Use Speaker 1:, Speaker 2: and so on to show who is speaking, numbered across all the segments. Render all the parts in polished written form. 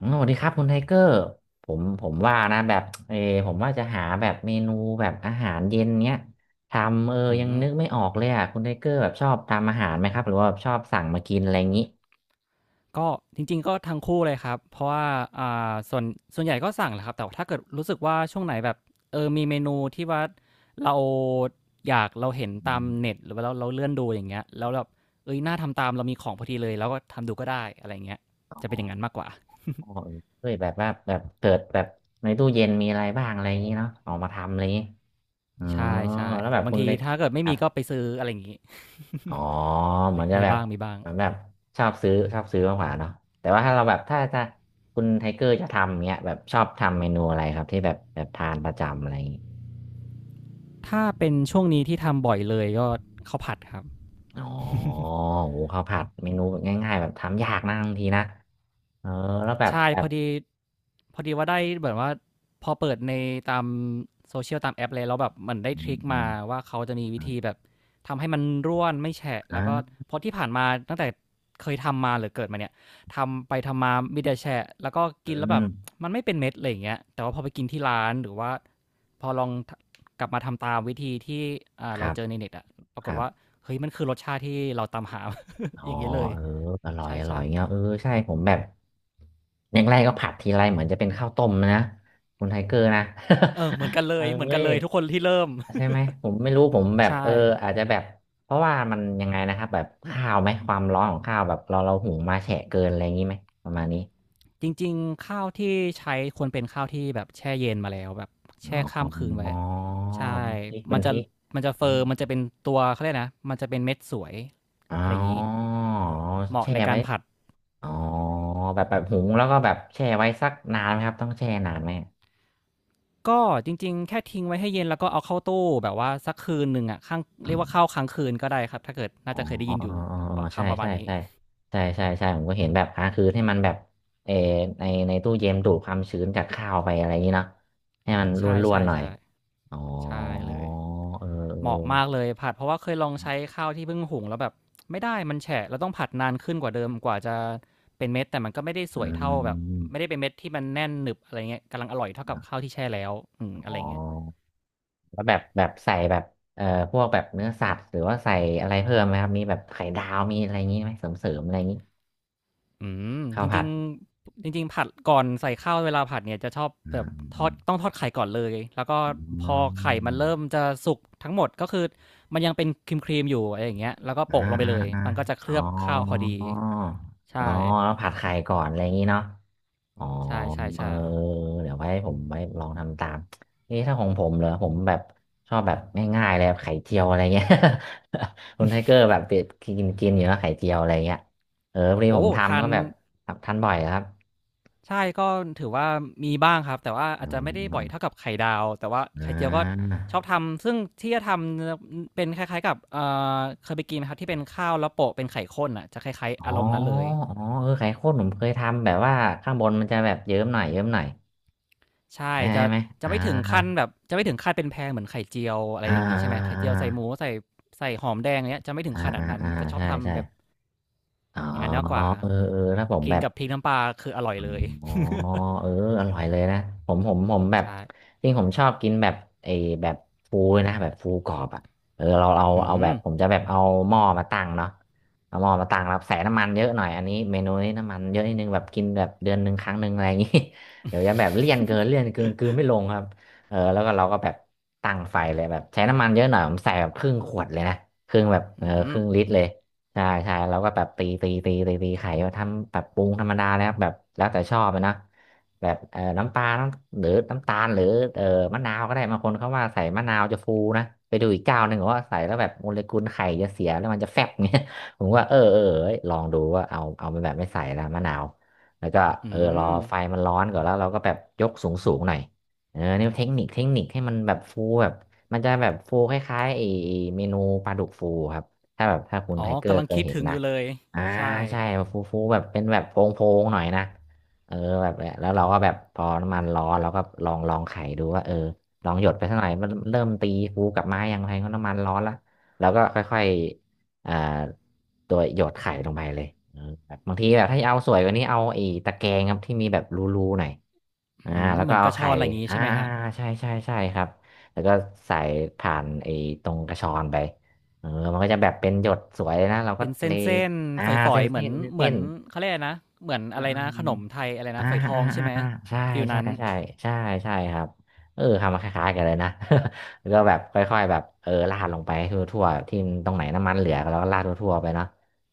Speaker 1: อ๋อสวัสดีครับคุณไทเกอร์ผมว่านะแบบผมว่าจะหาแบบเมนูแบบอาหารเย็นเนี้ยทำ
Speaker 2: อื
Speaker 1: ยัง
Speaker 2: ม
Speaker 1: นึกไม่ออกเลยอ่ะคุณไทเกอร์แบบชอบทำอาหารไหมครับหรือว่าแบบชอบสั่งมากินอะไรอย่างนี้
Speaker 2: ก็จริงๆก็ทั้งคู่เลยครับเพราะว่าส่วนส่วนใหญ่ก็สั่งแหละครับแต่ว่าถ้าเกิดรู้สึกว่าช่วงไหนแบบมีเมนูที่ว่าเราอยากเราเห็นตา
Speaker 1: อื
Speaker 2: ม
Speaker 1: ม
Speaker 2: เน็ตหรือว่าเราเลื่อนดูอย่างเงี้ยแล้วแบบเอ้ยน่าทำตามเรามีของพอดีเลยเราก็ทำดูก็ได้อะไรอย่างเงี้ยจะ
Speaker 1: อ๋
Speaker 2: เป็น
Speaker 1: อ
Speaker 2: อย่างนั้นมากกว่า
Speaker 1: เออเฮ้ยแบบว่าแบบเปิดแบบในตู้เย็นมีอะไรบ้างอะไรอย่างนี้เนาะออกมาทำอะไรอย่างนี้อ๋อ
Speaker 2: ใช่ใช่
Speaker 1: แล้วแบบ
Speaker 2: บาง
Speaker 1: คุณ
Speaker 2: ที
Speaker 1: ไท
Speaker 2: ถ้าเกิดไม่
Speaker 1: ครั
Speaker 2: มี
Speaker 1: บ
Speaker 2: ก็ไปซื้ออะไรอย่างงี้
Speaker 1: อ๋อเห
Speaker 2: ป
Speaker 1: มือนจะ
Speaker 2: มี
Speaker 1: แบบ
Speaker 2: บ้างมีบ้าง
Speaker 1: เหมือนแบบชอบซื้อมากกว่าเนาะแต่ว่าถ้าเราแบบถ้าคุณไทเกอร์จะทำเงี้ยแบบชอบทำเมนูอะไรครับที่แบบทานประจำอะไรอย่างงี้
Speaker 2: ถ้าเป็นช่วงนี้ที่ทำบ่อยเลยก็ข้าวผัดครับ
Speaker 1: อ๋อโหข้าวผัดเมนูแบบง่ายๆแบบทำยากนะบางทีนะเออแล้วแบบ
Speaker 2: ใช่
Speaker 1: แบ
Speaker 2: พ
Speaker 1: บ
Speaker 2: อดีพอดีว่าได้เหมือนว่าพอเปิดในตามโซเชียลตามแอปเลยแล้วแบบมันได้
Speaker 1: อื
Speaker 2: ทริ
Speaker 1: ม
Speaker 2: ก
Speaker 1: อื
Speaker 2: มา
Speaker 1: ม
Speaker 2: ว่าเขาจะมี
Speaker 1: อ
Speaker 2: วิ
Speaker 1: ม
Speaker 2: ธีแบบทำให้มันร่วนไม่แฉะแล้วก็
Speaker 1: อ่า
Speaker 2: เพราะที่ผ่านมาตั้งแต่เคยทำมาหรือเกิดมาเนี่ยทำไปทำมามีแต่แฉะแล้วก็
Speaker 1: อื
Speaker 2: กินแล้วแบบ
Speaker 1: ม
Speaker 2: มันไม่เป็นเม็ดอะไรอย่างเงี้ยแต่ว่าพอไปกินที่ร้านหรือว่าพอลองทะกลับมาทำตามวิธีที่
Speaker 1: ค
Speaker 2: เรา
Speaker 1: รับ
Speaker 2: เจอในเน็ตอะปรา
Speaker 1: ค
Speaker 2: กฏ
Speaker 1: รับ
Speaker 2: ว่าเฮ้ยมันคือรสชาติที่เราตามหา
Speaker 1: อ๋ อ
Speaker 2: อย่างงี้เลย
Speaker 1: เอออร่
Speaker 2: ใ
Speaker 1: อยอร่อ
Speaker 2: ช่
Speaker 1: ย
Speaker 2: ๆ
Speaker 1: เงี้ยเออใช่ผมแบบอย่างแรกก็ผัดทีไรเหมือนจะเป็นข้าวต้มนะคุณไทเกอร์นะ
Speaker 2: เออเหมือนกัน เล
Speaker 1: เอ้
Speaker 2: ยเหมือนกัน
Speaker 1: ย
Speaker 2: เลยทุกคนที่เริ่ม
Speaker 1: ใช่ไหมผมไม่รู้ผมแบบ
Speaker 2: ใช่
Speaker 1: เอออาจจะแบบเพราะว่ามันยังไงนะครับแบบข้าวไหมความร้อนของข้าวแบบเราหุงมาแฉะเกินอะไรอย่างนี้ไหมประมาณนี้
Speaker 2: จริงๆข้าวที่ใช้ควรเป็นข้าวที่แบบแช่เย็นมาแล้วแบบ
Speaker 1: อ๋
Speaker 2: แช่
Speaker 1: อ
Speaker 2: ข้ามคืนไว้
Speaker 1: อ๋อ
Speaker 2: ใช่
Speaker 1: พริกเป็
Speaker 2: มั
Speaker 1: น
Speaker 2: น
Speaker 1: พ
Speaker 2: จะ
Speaker 1: ริก
Speaker 2: มันจะ
Speaker 1: อ
Speaker 2: เฟิร์
Speaker 1: ม
Speaker 2: มมันจะเป็นตัวเขาเรียกนะมันจะเป็นเม็ดสวย
Speaker 1: อ๋
Speaker 2: อะไรอย่างนี้
Speaker 1: อ
Speaker 2: เหมาะ
Speaker 1: แช่
Speaker 2: ในกา
Speaker 1: ไว้
Speaker 2: รผัด
Speaker 1: อ๋อแบบหุงแล้วก็แบบแช่ไว้สักนานไหมครับต้องแช่นานไหม
Speaker 2: ก็จริงๆแค่ทิ้งไว้ให้เย็นแล้วก็เอาเข้าตู้แบบว่าสักคืนหนึ่งอ่ะข้าง
Speaker 1: อ๋อ
Speaker 2: เรียกว่าข้าวค้างคืนก็ได้ครับถ้าเกิด
Speaker 1: อ๋
Speaker 2: น่า
Speaker 1: อ
Speaker 2: จะเคยได้
Speaker 1: อ๋อ
Speaker 2: ยินอยู่
Speaker 1: อ๋ออ๋อ
Speaker 2: ป
Speaker 1: ใช่
Speaker 2: คำประมา
Speaker 1: ใช่
Speaker 2: ณนี้
Speaker 1: ใช่ใช่ใช่ใช่ผมก็เห็นแบบอ่ะคือให้มันแบบเออในตู้เย็นดูดความชื้นจากข้าวไปอะไรอย่างนี้เนาะให้มันร
Speaker 2: ใช่
Speaker 1: ่ว
Speaker 2: ใช่
Speaker 1: นๆหน่อย
Speaker 2: ใช่
Speaker 1: อ๋อ
Speaker 2: ใช่เลย
Speaker 1: เ
Speaker 2: เหมาะ
Speaker 1: ออ
Speaker 2: มากเลยผัดเพราะว่าเคยลองใช้ข้าวที่เพิ่งหุงแล้วแบบไม่ได้มันแฉะเราต้องผัดนานขึ้นกว่าเดิมกว่าจะเป็นเม็ดแต่มันก็ไม่ได้ส
Speaker 1: เอ
Speaker 2: วย
Speaker 1: อ
Speaker 2: เท่า
Speaker 1: อื
Speaker 2: แบบ
Speaker 1: ม
Speaker 2: ไม่ได้เป็นเม็ดที่มันแน่นหนึบอะไรเงี้ยกำลังอร่อยเท่ากับข้าวที่แช่แล้วอืมอะ
Speaker 1: อ๋อ
Speaker 2: ไรเงี้ย
Speaker 1: แล้วแบบแบบใส่แบบเอ่อพวกแบบเนื้อสัตว์หรือว่าใส่อะไรเพิ่มไหมครับมีแบบไข่ดาวมีอะไรอย่างนี้ไหมเสริมๆอะไรอย่างนี้
Speaker 2: อื
Speaker 1: ข้า
Speaker 2: จ
Speaker 1: วผั
Speaker 2: ริ
Speaker 1: ด
Speaker 2: งๆจริงๆผัดก่อนใส่ข้าวเวลาผัดเนี่ยจะชอบ
Speaker 1: อื
Speaker 2: แบ
Speaker 1: ม
Speaker 2: บท
Speaker 1: อื
Speaker 2: อ
Speaker 1: ม
Speaker 2: ดต้องทอดไข่ก่อนเลยแล้วก็
Speaker 1: อื
Speaker 2: พอไข่มันเริ่ม
Speaker 1: ม
Speaker 2: จะสุกทั้งหมดก็คือมันยังเป็นครีมครีมอยู่อะไรอย่างเงี้ยแล้วก็
Speaker 1: อ่า
Speaker 2: โปะลงไป
Speaker 1: อ่า
Speaker 2: เลย
Speaker 1: อ่า
Speaker 2: มันก็จะเค
Speaker 1: อ๋
Speaker 2: ลื
Speaker 1: อ
Speaker 2: อบข้าวพอดี
Speaker 1: อ๋อ
Speaker 2: ใช่
Speaker 1: แล้วผัดไข่ก่อนอะไรอย่างนี้เนาะอ๋อ
Speaker 2: ใช่ใช่
Speaker 1: เออ
Speaker 2: ใช่
Speaker 1: เดี๋ยวไว้ผมไว้ลองทำตามเอ๊ะถ้าของผมเหรอผมแบบชอบแบบง่ายๆเลยแบบไข่เจียวอะไรเงี้ย คุณไทเกอร์แบบเป็ดกินกินอยู่แล้วไข่เจียวอะไรเงี้ยเออพอดีผ
Speaker 2: โอ้
Speaker 1: มทำ
Speaker 2: ทั
Speaker 1: ก็
Speaker 2: น
Speaker 1: แบบทำทานบ่อยครับ
Speaker 2: ใช่ก็ถือว่ามีบ้างครับแต่ว่า
Speaker 1: อ่
Speaker 2: อาจจะไม่ได้บ่อย
Speaker 1: า
Speaker 2: เท่ากับไข่ดาวแต่ว่า
Speaker 1: อ่
Speaker 2: ไข่เจียวก็
Speaker 1: า
Speaker 2: ชอบทำซึ่งที่จะทำจะเป็นคล้ายๆกับเคยไปกินไหมครับที่เป็นข้าวแล้วโปะเป็นไข่ข้นอะจะคล้าย
Speaker 1: อ๋
Speaker 2: ๆ
Speaker 1: อ
Speaker 2: อารมณ์นั้นเลย
Speaker 1: อ๋อเออไข่ข้นผมเคยทำแบบว่าข้างบนมันจะแบบเยิ้มหน่อย
Speaker 2: ใช่
Speaker 1: ได้
Speaker 2: จะ
Speaker 1: ไหม
Speaker 2: จะ
Speaker 1: อ่า
Speaker 2: ไม่ถึงขั้นแบบจะไม่ถึงขั้นเป็นแพงเหมือนไข่เจียวอะไร
Speaker 1: อ่า
Speaker 2: อย่างงี้ใช่ไหมไข่
Speaker 1: อ่
Speaker 2: เจียวใส่หมู
Speaker 1: า
Speaker 2: ใส่หอมแดงอย่างเงี้ยจะไม่ถึง
Speaker 1: อ่า
Speaker 2: ขนา
Speaker 1: อ่า
Speaker 2: ดนั้น
Speaker 1: อ่า
Speaker 2: จะชอบ
Speaker 1: ใช่ใช่
Speaker 2: ทำแบบ
Speaker 1: อ๋อ
Speaker 2: อย่างนั้นมากกว่า
Speaker 1: เออเออถ้าผม
Speaker 2: กิ
Speaker 1: แบ
Speaker 2: น
Speaker 1: บ
Speaker 2: กับพริกน้ำปลาคืออร่อยเลย
Speaker 1: อ๋อเอออร่อยเลยนะผมแบบ
Speaker 2: ใช่
Speaker 1: จริงผมชอบกินแบบไอ้แบบฟูนะแบบฟูกรอบอ่ะเออเราเอา
Speaker 2: อื
Speaker 1: เอาแบ
Speaker 2: ม
Speaker 1: บผมจะแบบเอาหม้อมาตั้งเนาะเอาหม้อมาตั้งแล้วใส่น้ำมันเยอะหน่อยอันนี้เมนูนี้น้ำมันเยอะนิดนึงแบบกินแบบเดือนหนึ่งครั้งหนึ่งอะไรอย่างงี้ เดี๋ยวจะแบบเลี่ยนเกินกลืนไม่ลงครับเออแล้วก็เราก็แบบตั้งไฟเลยแบบใช้น้ำมันเยอะหน่อยผมใส่แบบครึ่งขวดเลยนะครึ่งแบบเอ
Speaker 2: อื
Speaker 1: อค
Speaker 2: ม
Speaker 1: รึ่งลิตรเลย ใช่ใช่เราก็แบบตีไข่มาทำแบบปรุงธรรมดาแล้วแบบแล้วแต่ชอบอะนะแบบน้ำปลาน้ำหรือน้ำตาลหรือเอ่อมะนาวก็ได้บางคนเขาว่าใส่มะนาวจะฟูนะไปดูอีกเจ้าหนึ่งบอกว่าใส่แล้วแบบโมเลกุลไข่จะเสียแล้วมันจะแฟบเงี้ย ผมว่าเออเอ้ยลองดูว่าเอาไปแบบไม่ใส่ละมะนาวแล้วก็เอ
Speaker 2: อื
Speaker 1: อรอ
Speaker 2: ม
Speaker 1: ไฟมันร้อนก่อนแล้วเราก็แบบยกสูงหน่อยเออนี่เทคนิคให้มันแบบฟูแบบมันจะแบบฟูคล้ายๆไอ้เมนูปลาดุกฟูครับ ถ้าแบบถ้าคุณ
Speaker 2: อ๋
Speaker 1: ไท
Speaker 2: อ
Speaker 1: เกอ
Speaker 2: กำ
Speaker 1: ร์
Speaker 2: ลัง
Speaker 1: เคย
Speaker 2: คิด
Speaker 1: เห็น
Speaker 2: ถึงอ
Speaker 1: นะ
Speaker 2: ยู่เลย
Speaker 1: อ่า
Speaker 2: ใช่
Speaker 1: ใช่ฟูแบบเป็นแบบโพงหน่อยนะเออแบบแล้วเราก็แบบพอน้ำมันร้อนเราก็ลองไขดูว่าเออลองหยดไปสักหน่อยมันเริ่มตีฟูกลับมายังไงก็น้ำมันร้อนละแล้วก็ค่อยๆอ่าตัวหยดไข่ลงไปเลยเออแบบบางทีแบบถ้าจะเอาสวยกว่านี้เอาไอ้ตะแกรงครับที่มีแบบรูๆหน่อยอ่า
Speaker 2: อืม
Speaker 1: แล้ว
Speaker 2: เห
Speaker 1: ก็
Speaker 2: มือนก
Speaker 1: เอา
Speaker 2: ระชอ
Speaker 1: ไข่
Speaker 2: นอะไรอย่างงี้
Speaker 1: อ่า
Speaker 2: ใช่ไหมครับ
Speaker 1: ใช่ใช่ใช่ครับแล้วก็ใส่ผ่านไอ้ตรงกระชอนไป เออมันก็จะแบบเป็นหยดสวยเลยนะเราก็
Speaker 2: เป็นเ
Speaker 1: เล
Speaker 2: ส้น
Speaker 1: อ่า
Speaker 2: ๆฝอ
Speaker 1: เส้
Speaker 2: ย
Speaker 1: น
Speaker 2: ๆเหมื
Speaker 1: เส้
Speaker 2: อน
Speaker 1: นเส้น
Speaker 2: เหมื
Speaker 1: เส้
Speaker 2: อน
Speaker 1: น
Speaker 2: เขาเรียกอะไรนะเหมือน
Speaker 1: อ่
Speaker 2: อะไรนะขนม
Speaker 1: า
Speaker 2: ไทยอะไร
Speaker 1: อ่า
Speaker 2: นะฝอยทอ
Speaker 1: อ่า
Speaker 2: งใช่
Speaker 1: อ่า
Speaker 2: ไหม
Speaker 1: อ่าใช่
Speaker 2: ฟีล
Speaker 1: ใช่
Speaker 2: นั้น
Speaker 1: ใช่ใช่ใช่ครับเออทำมาคล้ายๆกันเลยนะ แล้วก็แบบค่อยๆแบบเออราดลงไปทั่วๆที่ตรงไหนน้ำมันเหลือเราก็ราดทั่วๆไปเนาะ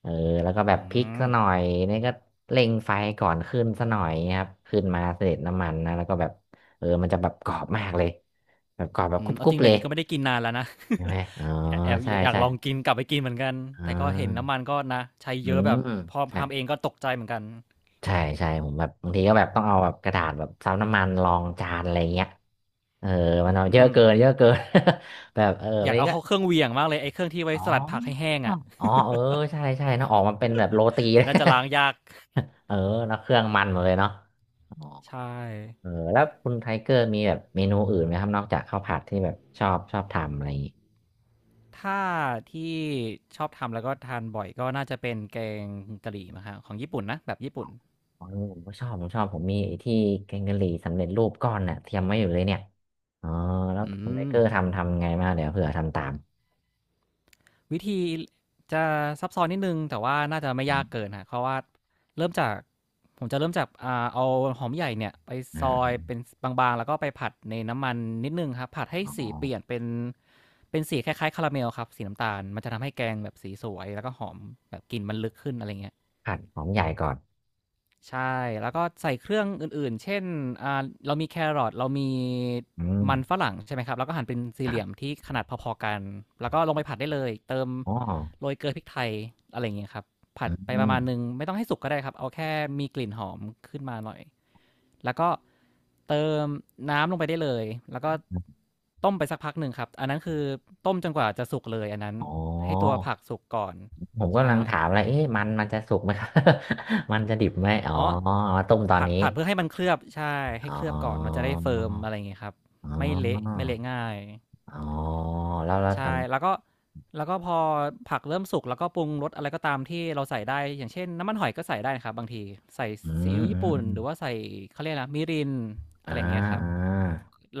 Speaker 1: เออแล้วก็แบ
Speaker 2: อื
Speaker 1: บพริกซะ
Speaker 2: ม
Speaker 1: หน่อยนี่ก็เร่งไฟก่อนขึ้นซะหน่อยครับขึ้นมาเสร็จน้ำมันนะแล้วก็แบบเออมันจะแบบกรอบมากเลยแบบกรอบแบบ
Speaker 2: อื
Speaker 1: ก
Speaker 2: มเอา
Speaker 1: รุ
Speaker 2: จ
Speaker 1: บ
Speaker 2: ริง
Speaker 1: ๆ
Speaker 2: แบ
Speaker 1: เล
Speaker 2: บ
Speaker 1: ย
Speaker 2: นี้ก็ไม่ได้กินนานแล้วนะ
Speaker 1: ใช่ไหมอ๋อ
Speaker 2: แอบแอบ
Speaker 1: ใช่
Speaker 2: อยาก
Speaker 1: ใช่
Speaker 2: ลองกินกลับไปกินเหมือนกัน
Speaker 1: อ๋
Speaker 2: แต่ก็เห็นน้ำ
Speaker 1: อ
Speaker 2: มันก็นะใช้
Speaker 1: อื
Speaker 2: เยอะแบ
Speaker 1: ม
Speaker 2: บพอ
Speaker 1: ใช่
Speaker 2: ทำเองก็ตกใจเหมือนกัน
Speaker 1: ใช่ใช่ผมแบบบางทีก็แบบต้องเอาแบบกระดาษแบบซับน้ำมันรองจานอะไรเงี้ยเออมั
Speaker 2: อื
Speaker 1: นเอาเยอะ
Speaker 2: ม
Speaker 1: เกินเยอะเกิน แบบเออ
Speaker 2: อ
Speaker 1: บา
Speaker 2: ยา
Speaker 1: ง
Speaker 2: ก
Speaker 1: ที
Speaker 2: เอา
Speaker 1: ก็
Speaker 2: เข้าเครื่องเหวี่ยงมากเลยไอ้เครื่องที่ไว้
Speaker 1: อ๋
Speaker 2: สลัดผักให้
Speaker 1: อ
Speaker 2: แห้ง
Speaker 1: อ
Speaker 2: อะ
Speaker 1: ๋อเออใช่ใช่เนอะออกมาเป็นแบบโรตี
Speaker 2: แต่น่าจะล้างยาก
Speaker 1: เออเนอะเครื่องมันหมดเลยเนาะอ๋อ
Speaker 2: ใช่
Speaker 1: เออแล้วคุณไทเกอร์มีแบบเมนูอื่นไหมครับนอกจากข้าวผัดที่แบบชอบทำอะไร
Speaker 2: ถ้าที่ชอบทำแล้วก็ทานบ่อยก็น่าจะเป็นแกงกะหรี่มั้งครับของญี่ปุ่นนะแบบญี่ปุ่น
Speaker 1: อ๋อผมก็ชอบผมชอบผมมีไอ้ที่แกงกะหรี่สำเร็จรูปก้อนน่ะเตรียมไว้อยู่เลยเนี่ยอ๋อแล้ว
Speaker 2: อื
Speaker 1: คุณไบ
Speaker 2: ม
Speaker 1: เกอร์ทำทำไงมางเดี๋ยวเผื่อทำตาม
Speaker 2: วิธีจะซับซ้อนนิดนึงแต่ว่าน่าจะไม่
Speaker 1: อ
Speaker 2: ยาก
Speaker 1: ม
Speaker 2: เกินฮะเพราะว่าเริ่มจากผมจะเริ่มจากเอาหอมใหญ่เนี่ยไปซ
Speaker 1: อ่า
Speaker 2: อยเป็นบางๆแล้วก็ไปผัดในน้ำมันนิดนึงครับผัดให้
Speaker 1: อ๋อ
Speaker 2: สีเปลี่ยนเป็นเป็นสีคล้ายๆคาราเมลครับสีน้ำตาลมันจะทำให้แกงแบบสีสวยแล้วก็หอมแบบกลิ่นมันลึกขึ้นอะไรเงี้ย
Speaker 1: ผัดหอมใหญ่ก่อน
Speaker 2: ใช่แล้วก็ใส่เครื่องอื่นๆเช่นเรามีแครอทเรามี
Speaker 1: อืม
Speaker 2: มันฝรั่งใช่ไหมครับแล้วก็หั่นเป็นสี่
Speaker 1: ค
Speaker 2: เห
Speaker 1: รั
Speaker 2: ลี่ยม
Speaker 1: บ
Speaker 2: ที่ขนาดพอๆกันแล้วก็ลงไปผัดได้เลยเติม
Speaker 1: อ๋อ
Speaker 2: โรยเกลือพริกไทยอะไรอย่างเงี้ยครับผั
Speaker 1: อื
Speaker 2: ดไปประมาณหนึ่
Speaker 1: ม
Speaker 2: งไม่ต้องให้สุกก็ได้ครับเอาแค่มีกลิ่นหอมขึ้นมาหน่อยแล้วก็เติมน้ำลงไปได้เลยแล้วก็ต้มไปสักพักหนึ่งครับอันนั้นคือต้มจนกว่าจะสุกเลยอันนั้น
Speaker 1: อ๋อ
Speaker 2: ให้ตัวผักสุกก่อน
Speaker 1: ผมก็กำลั
Speaker 2: ใช่
Speaker 1: งถามอะไรเอ๊ะมันจะสุกไหมครับ มันจะดิบไหมอ๋อ
Speaker 2: อ๋อ
Speaker 1: เอามาต้มตอน
Speaker 2: ผัด
Speaker 1: นี้
Speaker 2: ผัดเพื่อให้มันเคลือบใช่ให้
Speaker 1: อ๋
Speaker 2: เค
Speaker 1: อ
Speaker 2: ลือบก่อนมันจะได้เฟิร์มอะไรอย่างเงี้ยครับ
Speaker 1: อ๋
Speaker 2: ไม่เละ
Speaker 1: อ
Speaker 2: ไม่เละง่าย
Speaker 1: อ๋อแล้วเราท
Speaker 2: ใช่แล้วก็แล้วก็พอผักเริ่มสุกแล้วก็ปรุงรสอะไรก็ตามที่เราใส่ได้อย่างเช่นน้ำมันหอยก็ใส่ได้นะครับบางทีใส่
Speaker 1: ำอื
Speaker 2: ซี
Speaker 1: ม
Speaker 2: อิ๊ว
Speaker 1: อื
Speaker 2: ญี่
Speaker 1: ม
Speaker 2: ปุ่
Speaker 1: อื
Speaker 2: น
Speaker 1: ม
Speaker 2: หรือว่าใส่เขาเรียกนะมิริน
Speaker 1: อ่า
Speaker 2: อะไรอย่างเงี้ยครับ
Speaker 1: อ่า
Speaker 2: แ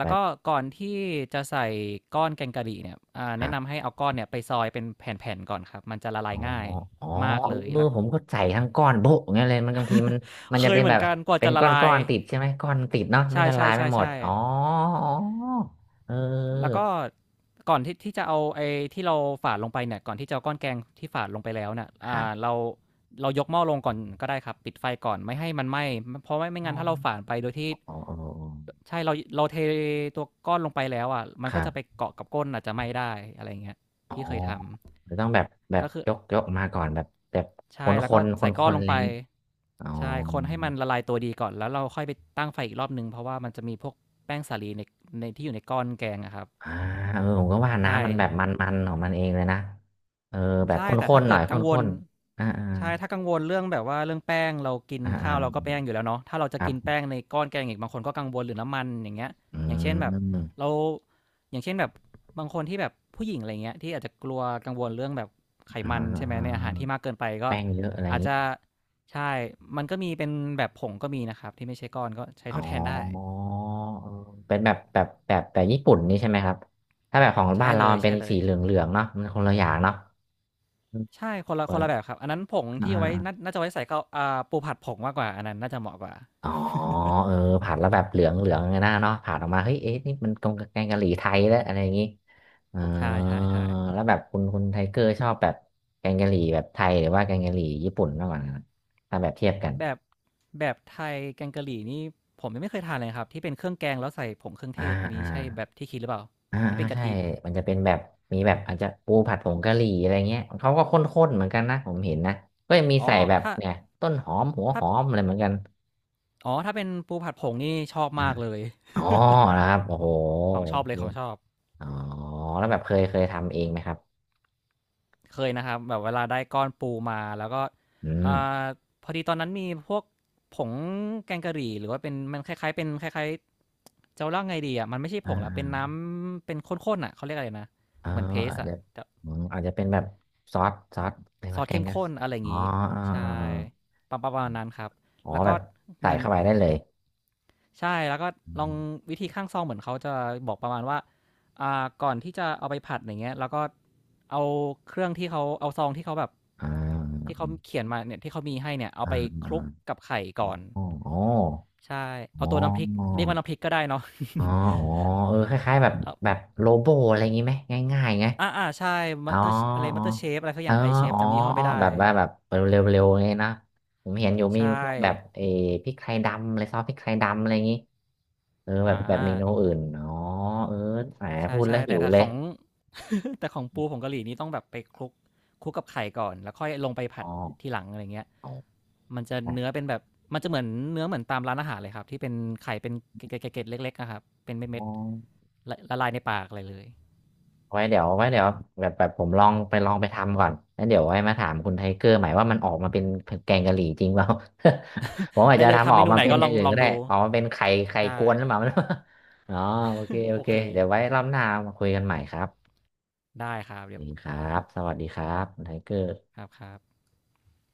Speaker 1: แบ
Speaker 2: ล้ว
Speaker 1: บ
Speaker 2: ก็ก่อนที่จะใส่ก้อนแกงกะหรี่เนี่ย
Speaker 1: ครั
Speaker 2: แนะนำ
Speaker 1: บ
Speaker 2: ให้เอาก้อนเนี่ยไปซอยเป็นแผ่นๆก่อนครับมันจะละลา
Speaker 1: อ๋
Speaker 2: ย
Speaker 1: อ
Speaker 2: ง่าย
Speaker 1: อ๋อ
Speaker 2: มาก
Speaker 1: เ
Speaker 2: เลย
Speaker 1: ออ
Speaker 2: แล้ว
Speaker 1: ผมก็ใส่ทั้งก้อนโบะอย่างเงี้ยเลยมันบางทีมันมั น
Speaker 2: เค
Speaker 1: จะ
Speaker 2: ย
Speaker 1: เป็น
Speaker 2: เห
Speaker 1: แบ
Speaker 2: มือน
Speaker 1: บ
Speaker 2: กันกว่า
Speaker 1: เป็น
Speaker 2: จะละ
Speaker 1: ก้อน
Speaker 2: ลา
Speaker 1: ก้อ
Speaker 2: ย
Speaker 1: นติดใช่ไหมก้อนติดเนาะไม่
Speaker 2: ใช่
Speaker 1: ละ
Speaker 2: ๆช่
Speaker 1: ลายไม่
Speaker 2: ใช่
Speaker 1: หมด
Speaker 2: ใช่
Speaker 1: อ๋ออ๋อเออ
Speaker 2: แล้วก็ ก่อนที่จะเอาไอ้ที่เราฝานลงไปเนี่ยก่อนที่จะเอาก้อนแกงที่ฝานลงไปแล้วเนี่ย
Speaker 1: ครับ
Speaker 2: เราเรายกหม้อลงก่อนก็ได้ครับ ปิดไฟก่อนไม่ให้มันไหม้เพราะไม่
Speaker 1: อ๋อ
Speaker 2: งั้นถ้าเราฝานไปโดยที่
Speaker 1: อ๋ออ๋ออ๋อ
Speaker 2: ใช่เราเทตัวก้อนลงไปแล้วอะมัน
Speaker 1: ค
Speaker 2: ก็
Speaker 1: รั
Speaker 2: จะไป
Speaker 1: บ
Speaker 2: เกาะกับก้นอาจจะไหม้ได้อะไรเงี้ย
Speaker 1: อ๋อ
Speaker 2: ที่เคยท
Speaker 1: จะต้องแบบแบ
Speaker 2: ำ
Speaker 1: บ
Speaker 2: ก็คือ
Speaker 1: ยกมาก่อนแบบแบบ
Speaker 2: ใช่
Speaker 1: คน
Speaker 2: แล้
Speaker 1: ค
Speaker 2: วก็
Speaker 1: นค
Speaker 2: ใส่
Speaker 1: น
Speaker 2: ก้
Speaker 1: ค
Speaker 2: อน
Speaker 1: น
Speaker 2: ล
Speaker 1: อะ
Speaker 2: ง
Speaker 1: ไร
Speaker 2: ไป
Speaker 1: อย่างงี้อ๋อ
Speaker 2: ใช่คนให้มันละลายตัวดีก่อน แล้วเราค่อยไปตั้งไฟอีกรอบนึงเพราะว่ามันจะมีพวกแป้งสาลีในในที่อยู่ในก้อนแกงอะครับ
Speaker 1: อ่าผมก็ว่า
Speaker 2: ใช่
Speaker 1: น้ำมันแบบมันของมันเองเลยนะเออแบบ
Speaker 2: ใช่
Speaker 1: ข
Speaker 2: แต่
Speaker 1: ้
Speaker 2: ถ้า
Speaker 1: นๆหน่
Speaker 2: เกิ
Speaker 1: อย
Speaker 2: ด
Speaker 1: ข
Speaker 2: กังว
Speaker 1: ้
Speaker 2: ล
Speaker 1: นๆอ่าอ่า
Speaker 2: ใช่ถ้ากังวลเรื่องแบบว่าเรื่องแป้งเรากิน
Speaker 1: อ่าอ่า
Speaker 2: ข้าวเราก็แป้งอยู่แล้วเนาะถ้าเราจะ
Speaker 1: ครั
Speaker 2: กินแป้
Speaker 1: บ
Speaker 2: งในก้อนแกงอีกบางคนก็กังวลหรือน้ำมันอย่างเงี้ย
Speaker 1: อื
Speaker 2: อย่างเช่นแบบ
Speaker 1: ม
Speaker 2: เราอย่างเช่นแบบบางคนที่แบบผู้หญิงอะไรเงี้ยที่อาจจะกลัวกังวลเรื่องแบบไข
Speaker 1: อ่
Speaker 2: มันใช่ไหมใน
Speaker 1: า
Speaker 2: อาหารที่มากเกินไปก็
Speaker 1: แป้งเยอะอะไรอย่า
Speaker 2: อา
Speaker 1: ง
Speaker 2: จ
Speaker 1: นี้
Speaker 2: จะใช่ มันก็มีเป็นแบบผงก็มีนะครับที่ไม่ใช่ก้อนก็ใช้
Speaker 1: อ๋
Speaker 2: ท
Speaker 1: อ
Speaker 2: ดแทนได้
Speaker 1: เออเป็นแบบแบบญี่ปุ่นนี่ใช่ไหมครับถ้าแบบของ
Speaker 2: ใช่
Speaker 1: บ้านเรา
Speaker 2: เลย
Speaker 1: มันเป็น
Speaker 2: ๆเล
Speaker 1: สี
Speaker 2: ย
Speaker 1: เหลืองเหลืองเนาะมันคนละอย่างเนาะอืม
Speaker 2: ใช่คนละ
Speaker 1: เห
Speaker 2: ค
Speaker 1: มือ
Speaker 2: น
Speaker 1: น
Speaker 2: ละแบบครับอันนั้นผง
Speaker 1: อ่า
Speaker 2: ที่เอาไว้น่าจะไว้ใส่ข้าวอ่าปูผัดผงมากกว่าอันนั้นน่าจะเหมาะกว่า
Speaker 1: อ๋อเออผัดแล้วแบบเหลืองเหลืองไงนะเนาะผัดออกมาเฮ้ยเอ๊ะนี่มันตรงกับแกงกะหรี่ไทยแล้วอะไรอย่างนี้เออ
Speaker 2: ใช่ใช่ใช่
Speaker 1: แล้วแบบคุณไทเกอร์ชอบแบบแกงกะหรี่แบบไทยหรือว่าแกงกะหรี่ญี่ปุ่นมากกว่ากันถ้าแบบเทียบกัน
Speaker 2: แบบแบบไทยแกงกะหรี่นี่ผมยังไม่เคยทานเลยครับที่เป็นเครื่องแกงแล้วใส่ผงเครื่อง
Speaker 1: อ่า
Speaker 2: เทศอันนี้
Speaker 1: อ่า
Speaker 2: ใช่แบบที่คิดหรือเปล่า
Speaker 1: อ่า
Speaker 2: ที่
Speaker 1: อ่า
Speaker 2: เป็นกะ
Speaker 1: ใช่
Speaker 2: ทิ
Speaker 1: มันจะเป็นแบบมีแบบอาจจะปูผัดผงกะหรี่อะไรเงี้ยเขาก็ข้นๆเหมือนกันนะผมเห็นนะก็ยังมี
Speaker 2: อ๋อ
Speaker 1: ใส่แบบ
Speaker 2: ถ้า
Speaker 1: เนี่ยต้นหอมหัวห
Speaker 2: ถ้า
Speaker 1: อมอะไรเหมือนกัน
Speaker 2: อ๋อถ้าเป็นปูผัดผงนี่ชอบ
Speaker 1: อ
Speaker 2: มา
Speaker 1: ม
Speaker 2: กเลย
Speaker 1: อ๋อนะครับโอ้โห
Speaker 2: ของช
Speaker 1: โอ
Speaker 2: อบเล
Speaker 1: เค
Speaker 2: ยของชอบ
Speaker 1: อ๋อแล้วแบบเคยทำเองไหมครับ
Speaker 2: เคยนะครับแบบเวลาได้ก้อนปูมาแล้วก็
Speaker 1: อืม
Speaker 2: อ่าพอดีตอนนั้นมีพวกผงแกงกะหรี่หรือว่าเป็นมันคล้ายๆเป็นคล้ายๆจะเล่าไงดีอ่ะมันไม่ใช่ผ
Speaker 1: อ่
Speaker 2: งละเป็นน้
Speaker 1: า
Speaker 2: ำเป็นข้นๆอ่ะเขาเรียกอะไรนะ
Speaker 1: อ่า
Speaker 2: เหมือนเพ
Speaker 1: อ๋อ
Speaker 2: ส
Speaker 1: อาจ
Speaker 2: อะ
Speaker 1: จะ
Speaker 2: แต่
Speaker 1: อืมอาจจะเป็นแบบซอสอะไร
Speaker 2: ซ
Speaker 1: วะ
Speaker 2: อส
Speaker 1: แก
Speaker 2: เข้
Speaker 1: ง
Speaker 2: ม
Speaker 1: กัส
Speaker 2: ข้นอะไรอ
Speaker 1: อ๋
Speaker 2: ย่า
Speaker 1: อ
Speaker 2: งนี้
Speaker 1: อ่าอา
Speaker 2: ใช่
Speaker 1: อา
Speaker 2: ประมาณนั้นครับ
Speaker 1: อ๋อ
Speaker 2: แล้ว
Speaker 1: แบ
Speaker 2: ก็
Speaker 1: บใส่
Speaker 2: เหมือน
Speaker 1: เข้าไปได้เลย
Speaker 2: ใช่แล้วก็
Speaker 1: อื
Speaker 2: ลอ
Speaker 1: ม
Speaker 2: งวิธีข้างซองเหมือนเขาจะบอกประมาณว่าก่อนที่จะเอาไปผัดอย่างเงี้ยแล้วก็เอาเครื่องที่เขาเอาซองที่เขาแบบ
Speaker 1: อ่า
Speaker 2: ที่เขาเขียนมาเนี่ยที่เขามีให้เนี่ยเอา
Speaker 1: อ่า
Speaker 2: ไปค
Speaker 1: อ่า
Speaker 2: ลุกกับไข่
Speaker 1: อ๋อ
Speaker 2: ก่อน
Speaker 1: อ๋อ
Speaker 2: ใช่
Speaker 1: อ๋
Speaker 2: เอา
Speaker 1: อ
Speaker 2: ตัวน้ำพริกเรียกว่าน้ำพริกก็ได้เนาะ
Speaker 1: อ๋ออ๋อเออคล้ายๆแบบ
Speaker 2: เอา
Speaker 1: แบบโลโบอะไรอย่างงี้ไหมง่ายๆไง
Speaker 2: อ่าอ่าใช่
Speaker 1: อ๋
Speaker 2: มั
Speaker 1: อ
Speaker 2: ตเตอร์อะไร
Speaker 1: อ๋
Speaker 2: มั
Speaker 1: อ
Speaker 2: ตเตอร์เชฟอะไรสัก
Speaker 1: เอ
Speaker 2: อ
Speaker 1: อ
Speaker 2: ย่างไอเชฟ
Speaker 1: อ๋อ
Speaker 2: จำยี่ห้อไม่ได้
Speaker 1: แบบว่าแบบเร็วๆไงนะผมเห็นอยู่มี
Speaker 2: ใช่
Speaker 1: พวกแบบเออพริกไทยดำอะไรซอสพริกไทยดำอะไรอย่างงี้เออแบบ
Speaker 2: อ่า
Speaker 1: แบบเมนูอื่นอ๋อเออแหม
Speaker 2: ใช่
Speaker 1: พูดแล้
Speaker 2: ใช่
Speaker 1: วหิ
Speaker 2: แต่
Speaker 1: ว
Speaker 2: ถ้า
Speaker 1: เล
Speaker 2: ข
Speaker 1: ย
Speaker 2: อง แต่ของปูผงกะหรี่นี่ต้องแบบไปคลุกกับไข่ก่อนแล้วค่อยลงไปผั
Speaker 1: อ๋อ
Speaker 2: ดทีหลังอะไรเงี้ยมันจะเนื้อเป็นแบบมันจะเหมือนเนื้อเหมือนตามร้านอาหารเลยครับที่เป็นไข่เป็นเกล็ดๆเล็กๆอะครับเป็น
Speaker 1: อ๋
Speaker 2: เม็ด
Speaker 1: อ
Speaker 2: ๆละละลายในปากอะไรเลย
Speaker 1: ไว้เดี๋ยวแบบแบบผมลองไปทำก่อนแล้วเดี๋ยวไว้มาถามคุณไทเกอร์ใหม่ว่ามันออกมาเป็นแกงกะหรี่จริงเปล่า ผมอาจ
Speaker 2: ได้
Speaker 1: จะ
Speaker 2: เลย
Speaker 1: ทำ
Speaker 2: ทำ
Speaker 1: ออ
Speaker 2: เม
Speaker 1: ก
Speaker 2: นู
Speaker 1: มา
Speaker 2: ไหน
Speaker 1: เป็น
Speaker 2: ก็
Speaker 1: อ
Speaker 2: ล
Speaker 1: ย่า
Speaker 2: อ
Speaker 1: ง
Speaker 2: ง
Speaker 1: อื่น
Speaker 2: ลอ
Speaker 1: ก็
Speaker 2: ง
Speaker 1: ได้
Speaker 2: ดู
Speaker 1: ออกมาเป็นไข่
Speaker 2: ใช่
Speaker 1: กวนหรือเปล่า อ๋อโอเค โอ
Speaker 2: โอ
Speaker 1: เค
Speaker 2: เค
Speaker 1: เดี๋ยวไว้รอบหน้ามาคุยกันใหม่ครับ
Speaker 2: ได้ครับ
Speaker 1: ส
Speaker 2: เดี๋ย
Speaker 1: วัส
Speaker 2: ว
Speaker 1: ดีครับสวัสดีครับคุณไทเกอร์
Speaker 2: ครับครับ